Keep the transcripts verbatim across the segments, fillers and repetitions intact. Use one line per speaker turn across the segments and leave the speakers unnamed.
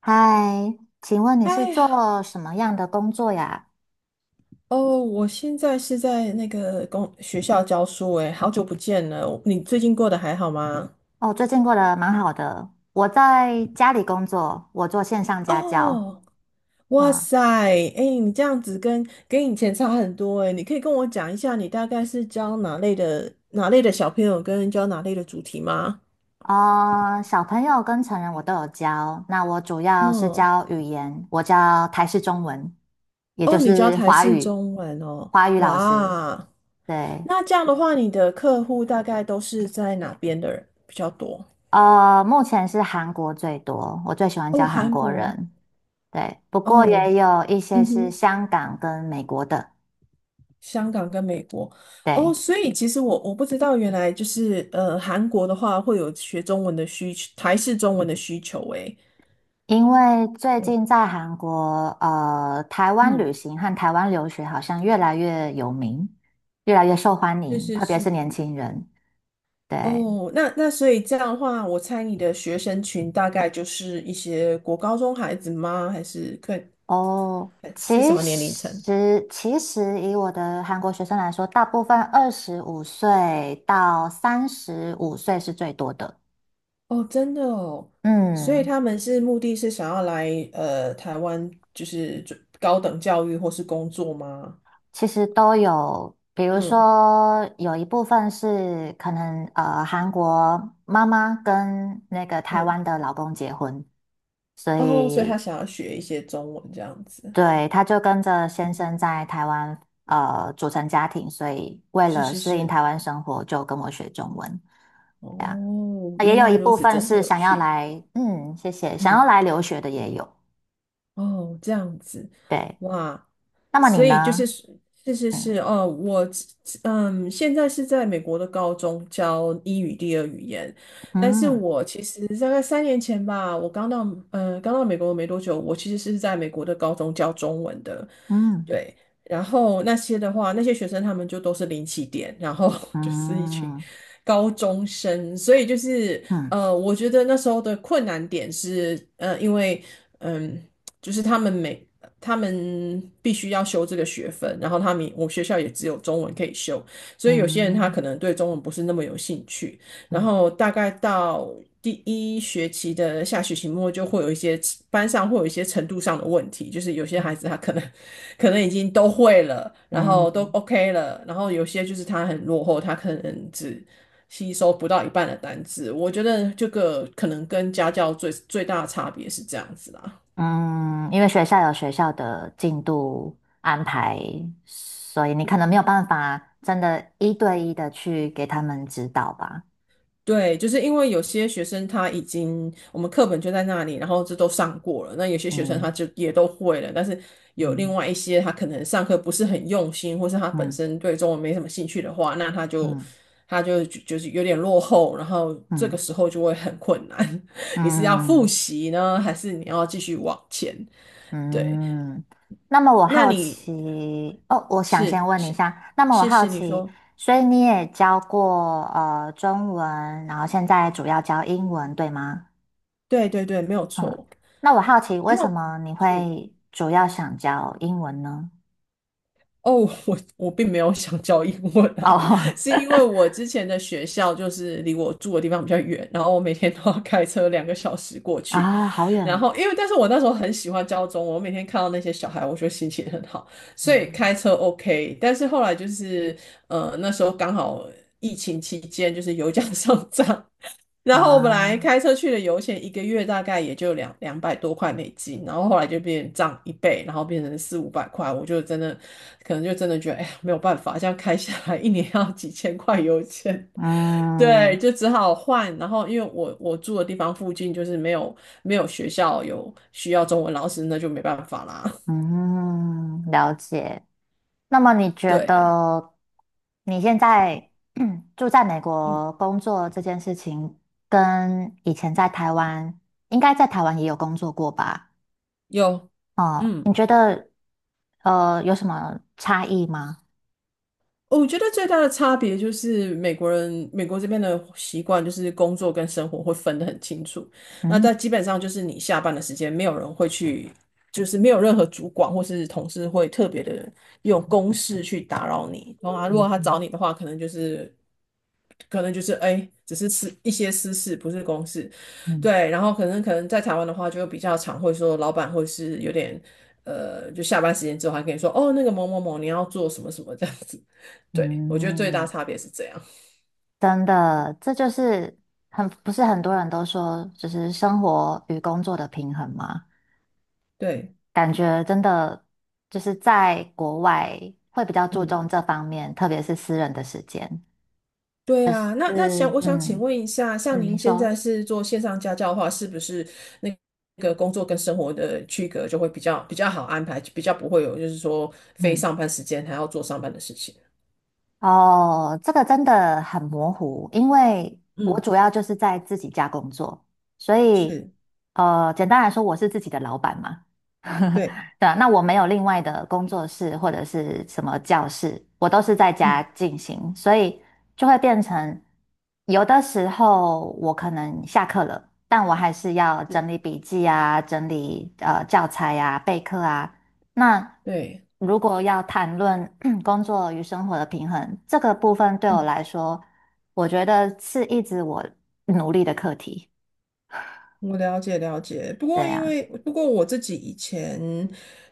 嗨，请问你是
哎呀，
做什么样的工作呀？
哦，我现在是在那个公学校教书，哎，好久不见了，你最近过得还好吗？
哦，最近过得蛮好的。我在家里工作，我做线上家教。
哦，哇
啊
塞，哎，你这样子跟跟以前差很多，哎，你可以跟我讲一下你大概是教哪类的哪类的小朋友，跟教哪类的主题吗？
呃，小朋友跟成人我都有教。那我主要是
嗯，
教语言，我教台式中文，也就
哦，你教
是
台
华
式
语，
中文哦，
华语老师。
哇，
对，
那这样的话，你的客户大概都是在哪边的人比较多？
呃，目前是韩国最多，我最喜欢
哦，
教韩
韩
国
国，
人。对，不过
哦，
也有一些
嗯
是
哼。
香港跟美国的。
香港跟美国。哦，
对。
所以其实我我不知道，原来就是呃，韩国的话会有学中文的需求，台式中文的需求，诶，
因为最
嗯
近在韩国，呃，台湾
嗯，
旅行和台湾留学好像越来越有名，越来越受欢
是
迎，
是
特别是
是。
年轻人。对，
哦，那那所以这样的话，我猜你的学生群大概就是一些国高中孩子吗？还是可以？
哦，其实其实以我的韩国学生来说，大部分二十五岁到三十五岁是最多的。
哦，真的哦，所以
嗯。
他们是目的是想要来呃台湾，就是准高等教育或是工作吗？
其实都有，比如
嗯
说有一部分是可能呃韩国妈妈跟那个台
嗯，
湾的老公结婚，所
哦，所以他
以
想要学一些中文这样子。
对他就跟着先生
嗯，
在台湾呃组成家庭，所以为
是
了
是
适应
是，
台湾生活，就跟我学中文。对啊，
哦，
也
原
有
来
一
如
部
此，
分
真的很
是
有
想要
趣。
来，嗯，谢谢，想要
嗯，
来留学的也有。
哦，这样子，
对，
哇，
那么你
所以就是
呢？
是是是
嗯
哦，我嗯，现在是在美国的高中教英语第二语言，但是
嗯
我其实大概三年前吧，我刚到呃刚到美国没多久，我其实是在美国的高中教中文的，
嗯
对，然后那些的话，那些学生他们就都是零起点，然后 就是一群
嗯
高中生，所以就是
嗯嗯。
呃，我觉得那时候的困难点是呃，因为。嗯。就是他们每他们必须要修这个学分，然后他们我学校也只有中文可以修，所以有些人他
嗯
可能对中文不是那么有兴趣，然
嗯
后大概到第一学期的下学期末就会有一些班上会有一些程度上的问题，就是有些
嗯
孩子他可能可能已经都会了，然后都
嗯，
OK 了，然后有些就是他很落后，他可能只。吸收不到一半的单字，我觉得这个可能跟家教最最大的差别是这样子啦。
嗯，因为学校有学校的进度安排，所以你可能没有办法真的一对一的去给他们指导吧。
对，就是因为有些学生他已经我们课本就在那里，然后这都上过了。那有些学生他
嗯
就也都会了，但是有另
嗯
外一些他可能上课不是很用心，或是他本
嗯
身对中文没什么兴趣的话，那他就
嗯
他就就是有点落后，然后这
嗯
个时候就会很困难。你是要复
嗯
习呢，还是你要继续往前？对，
嗯。那么我
那
好
你
奇，哦，我想先
是
问你一
是
下，那么我
是
好
是你
奇，
说
所以你也教过呃中文，然后现在主要教英文，对吗？
对对对，没有
嗯，
错。
那我好奇，为
那
什么你
是
会主要想教英文呢？
哦，我我并没有想教英文啊，
哦，
是因为我之前的学校就是离我住的地方比较远，然后我每天都要开车两个小时过 去。
啊，好
然
远，
后因为，但是我那时候很喜欢教中文，我每天看到那些小孩，我觉得心情很好，所以
嗯，
开车 OK。但是后来就是，呃，那时候刚好疫情期间，就是油价 上涨，然后我本来
啊，
开车去的油钱一个月大概也就两两百多块美金，然后后来就变涨一倍，然后变成四五百块，我就真的可能就真的觉得哎呀没有办法，这样开下来一年要几千块油钱，对，
嗯
就只好换。然后因为我我住的地方附近就是没有没有学校有需要中文老师，那就没办法啦。
嗯，了解。那么你 觉
对，
得你现在 住在美
嗯，
国工作这件事情，跟以前在台湾，应该在台湾也有工作过吧？
有，
哦，
嗯。
你觉得呃有什么差异吗？
我觉得最大的差别就是美国人，美国这边的习惯就是工作跟生活会分得很清楚。那但
嗯
基本上就是你下班的时间，没有人会去，就是没有任何主管或是同事会特别的用公事去打扰你。然后他如果
嗯
他
嗯
找你的话，可能就是可能就是哎，只是私一些私事，不是公事，
嗯
对。然后可能可能在台湾的话，就比较常会说老板或是有点呃，就下班时间之后还跟你说哦，那个某某某你要做什么什么这样子。对，我觉得最大
嗯。
差别是这样。
真的，这就是很，不是很多人都说，就是生活与工作的平衡吗？
对，
感觉真的就是在国外会比较注
嗯，
重这方面，特别是私人的时间。
对啊。
是，
那那想我想请
嗯
问一下，像
嗯，
您
你
现
说，
在是做线上家教的话，是不是那个工作跟生活的区隔就会比较比较好安排，比较不会有就是说非
嗯，
上班时间还要做上班的事情？
哦，这个真的很模糊，因为我
嗯，
主要就是在自己家工作，所以
是，
呃，简单来说，我是自己的老板嘛。
对。
对啊，那我没有另外的工作室或者是什么教室，我都是在家
嗯，
进行，所以就会变成有的时候我可能下课了，但我还是要整
是
理笔记啊，整理呃教材啊，备课啊。那
对，
如果要谈论 工作与生活的平衡，这个部分对我
嗯，
来说，我觉得是一直我努力的课题。
我了解了解，不
对
过因
啊，
为不过我自己以前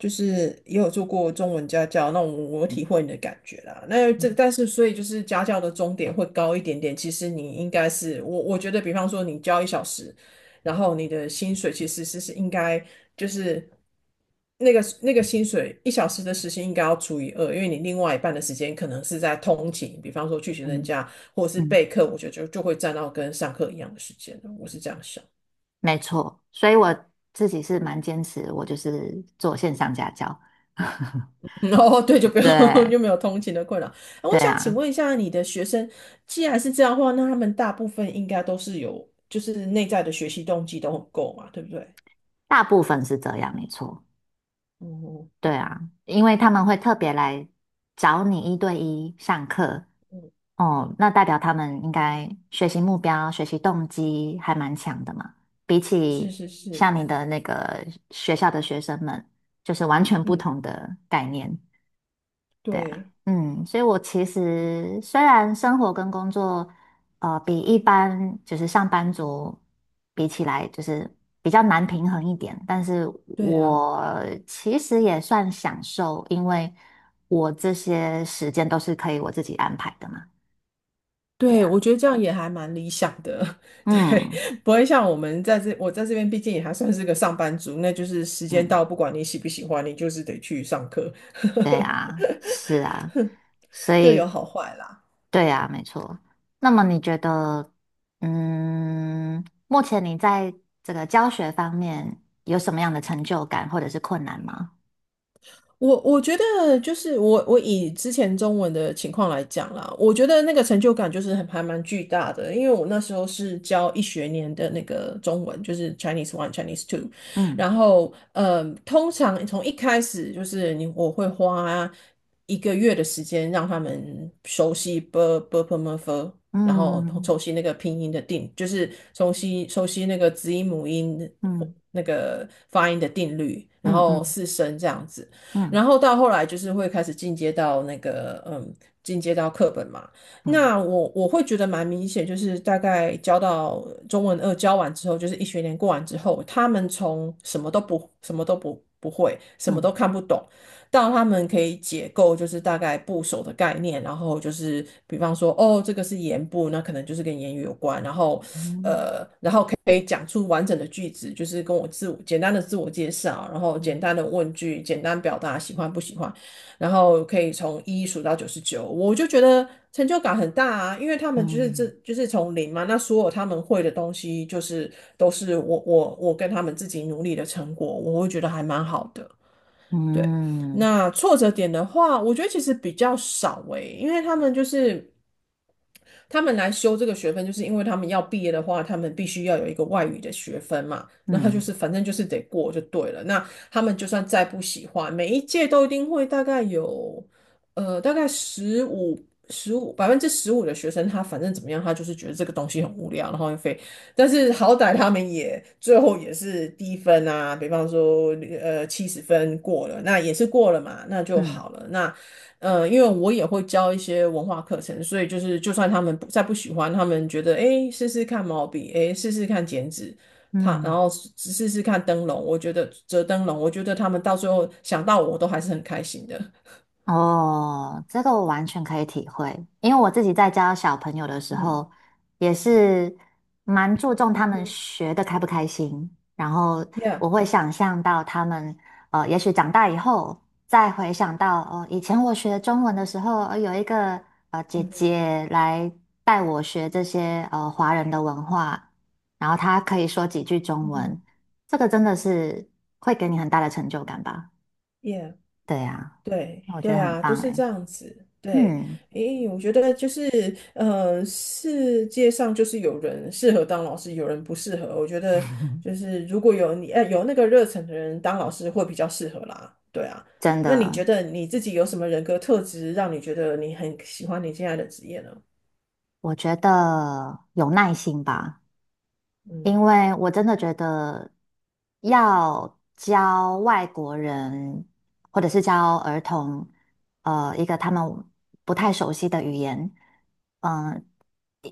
就是也有做过中文家教，那我我体会你的感觉啦。那这但是所以就是家教的终点会高一点点，其实你应该是我我觉得，比方说你教一小时，然后你的薪水其实是是应该就是那个那个薪水一小时的时薪应该要除以二，因为你另外一半的时间可能是在通勤，比方说去学生
嗯
家或者是
嗯。
备课，我觉得就就会占到跟上课一样的时间了我是这样想。
没错，所以我自己是蛮坚持，我就是做线上家教。
哦，对，就不用
对
就没有通勤的困扰。那
对
我想请
啊，
问一下，你的学生既然是这样的话，那他们大部分应该都是有，就是内在的学习动机都很够嘛，对不对？
大部分是这样，没错。
哦，
对啊，因为他们会特别来找你一对一上课，
嗯，
哦，那代表他们应该学习目标、学习动机还蛮强的嘛。比
是
起
是是，
像你的那个学校的学生们，就是完全不
嗯，
同的概念。对啊，
对
嗯，所以我其实虽然生活跟工作，呃，比一般就是上班族比起来，就是比较难平衡一点，但是
对啊，
我其实也算享受，因为我这些时间都是可以我自己安排的嘛。对
对，我
啊，
觉得这样也还蛮理想的，对，
嗯
不会像我们在这，我在这边毕竟也还算是个上班族，那就是时间
嗯，
到，不管你喜不喜欢，你就是得去上课，
对啊，是啊，所
各有
以。
好坏啦。
对呀，没错。那么你觉得，嗯，目前你在这个教学方面有什么样的成就感，或者是困难吗？
我我觉得就是我我以之前中文的情况来讲啦，我觉得那个成就感就是很还蛮巨大的，因为我那时候是教一学年的那个中文，就是 Chinese One、Chinese Two，
嗯
然后呃，通常从一开始就是你我会花一个月的时间让他们熟悉 b b p m f，然后
嗯
熟悉那个拼音的定，就是熟悉熟悉那个子音母音
嗯
那个发音的定律，然
嗯
后
嗯
四声这样子。然
嗯
后到后来就是会开始进阶到那个嗯，进阶到课本嘛。
嗯
那我我会觉得蛮明显，就是大概教到中文二教完之后，就是一学年过完之后，他们从什么都不什么都不不会，什么
嗯
都看不懂，到他们可以解构，就是大概部首的概念，然后就是比方说，哦，这个是言部，那可能就是跟言语有关，然后
嗯
然后可以讲出完整的句子，就是跟我自我简单的自我介绍，然后简
嗯
单的问句，简单表达喜欢不喜欢，然后可以从一数到九十九，我就觉得成就感很大啊，因为他们就是这
嗯
就是从零嘛，那所有他们会的东西，就是都是我我我跟他们自己努力的成果，我会觉得还蛮好的。对，
嗯嗯
那挫折点的话，我觉得其实比较少诶，因为他们就是他们来修这个学分，就是因为他们要毕业的话，他们必须要有一个外语的学分嘛。那他就
嗯
是反正就是得过就对了。那他们就算再不喜欢，每一届都一定会大概有呃大概十五十五百分之十五的学生，他反正怎么样，他就是觉得这个东西很无聊，然后又非但是好歹他们也最后也是低分啊，比方说呃七十分过了，那也是过了嘛，
嗯
那就
嗯嗯
好了。那呃，因为我也会教一些文化课程，所以就是就算他们不再不喜欢，他们觉得诶试试看毛笔，诶试试看剪纸，他然
嗯
后试试试看灯笼，我觉得折灯笼，我觉得他们到最后想到我都还是很开心的。
哦，这个我完全可以体会，因为我自己在教小朋友的时
嗯
候，也是蛮注重他
嗯
们
哼
学的开不开心，然后
，Yeah，
我会想象到他们，呃，也许长大以后再回想到，哦，以前我学中文的时候，呃有一个呃姐
嗯哼
姐来带我学这些呃华人的文化，然后她可以说几句中
嗯
文，
哼。
这个真的是会给你很大的成就感吧？
Yeah。
对呀，
对
我觉
对
得很
啊，都
棒
是
诶。
这样子。对，
嗯，
诶，我觉得就是，呃，世界上就是有人适合当老师，有人不适合。我觉得就是如果有你，呃，有那个热忱的人当老师会比较适合啦。对啊，
真
那你
的，
觉得你自己有什么人格特质让你觉得你很喜欢你现在的职业呢？
我觉得有耐心吧。
嗯
因为我真的觉得要教外国人或者是教儿童，呃，一个他们不太熟悉的语言，嗯、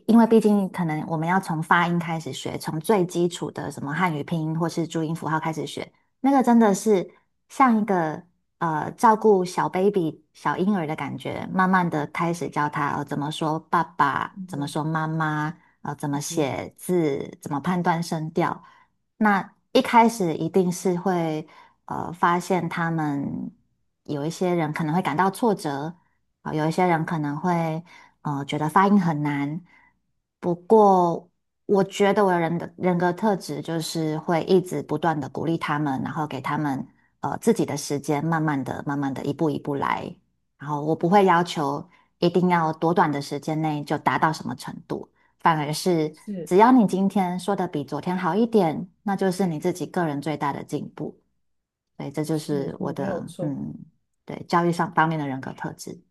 因为毕竟可能我们要从发音开始学，从最基础的什么汉语拼音或是注音符号开始学，那个真的是像一个呃照顾小 baby 小婴儿的感觉，慢慢的开始教他、呃、怎么说爸爸，怎么说
嗯
妈妈。呃怎么
哼嗯，
写字，怎么判断声调。那一开始一定是会呃发现他们有一些人可能会感到挫折，啊、有一些人可能会呃觉得发音很难。不过我觉得我的人的人格特质就是会一直不断的鼓励他们，然后给他们呃自己的时间，慢慢的、慢慢的一步一步来。然后我不会要求一定要多短的时间内就达到什么程度。反而是
是
只要你今天说的比昨天好一点，那就是你自己个人最大的进步。对，这就是
是，
我
嗯没有
的
错，
嗯，对，教育上方面的人格特质。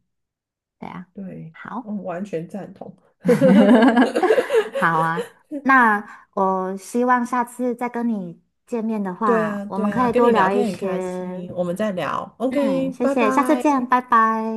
对啊，
对，
好，
嗯，完全赞同。
好啊。那我希望下次再跟你见面的
对
话，
啊，
我们
对
可
啊，
以
跟
多
你聊
聊一
天很开
些。
心，我们再聊
嗯，
，OK，
谢
拜
谢，下次
拜。
见，拜拜。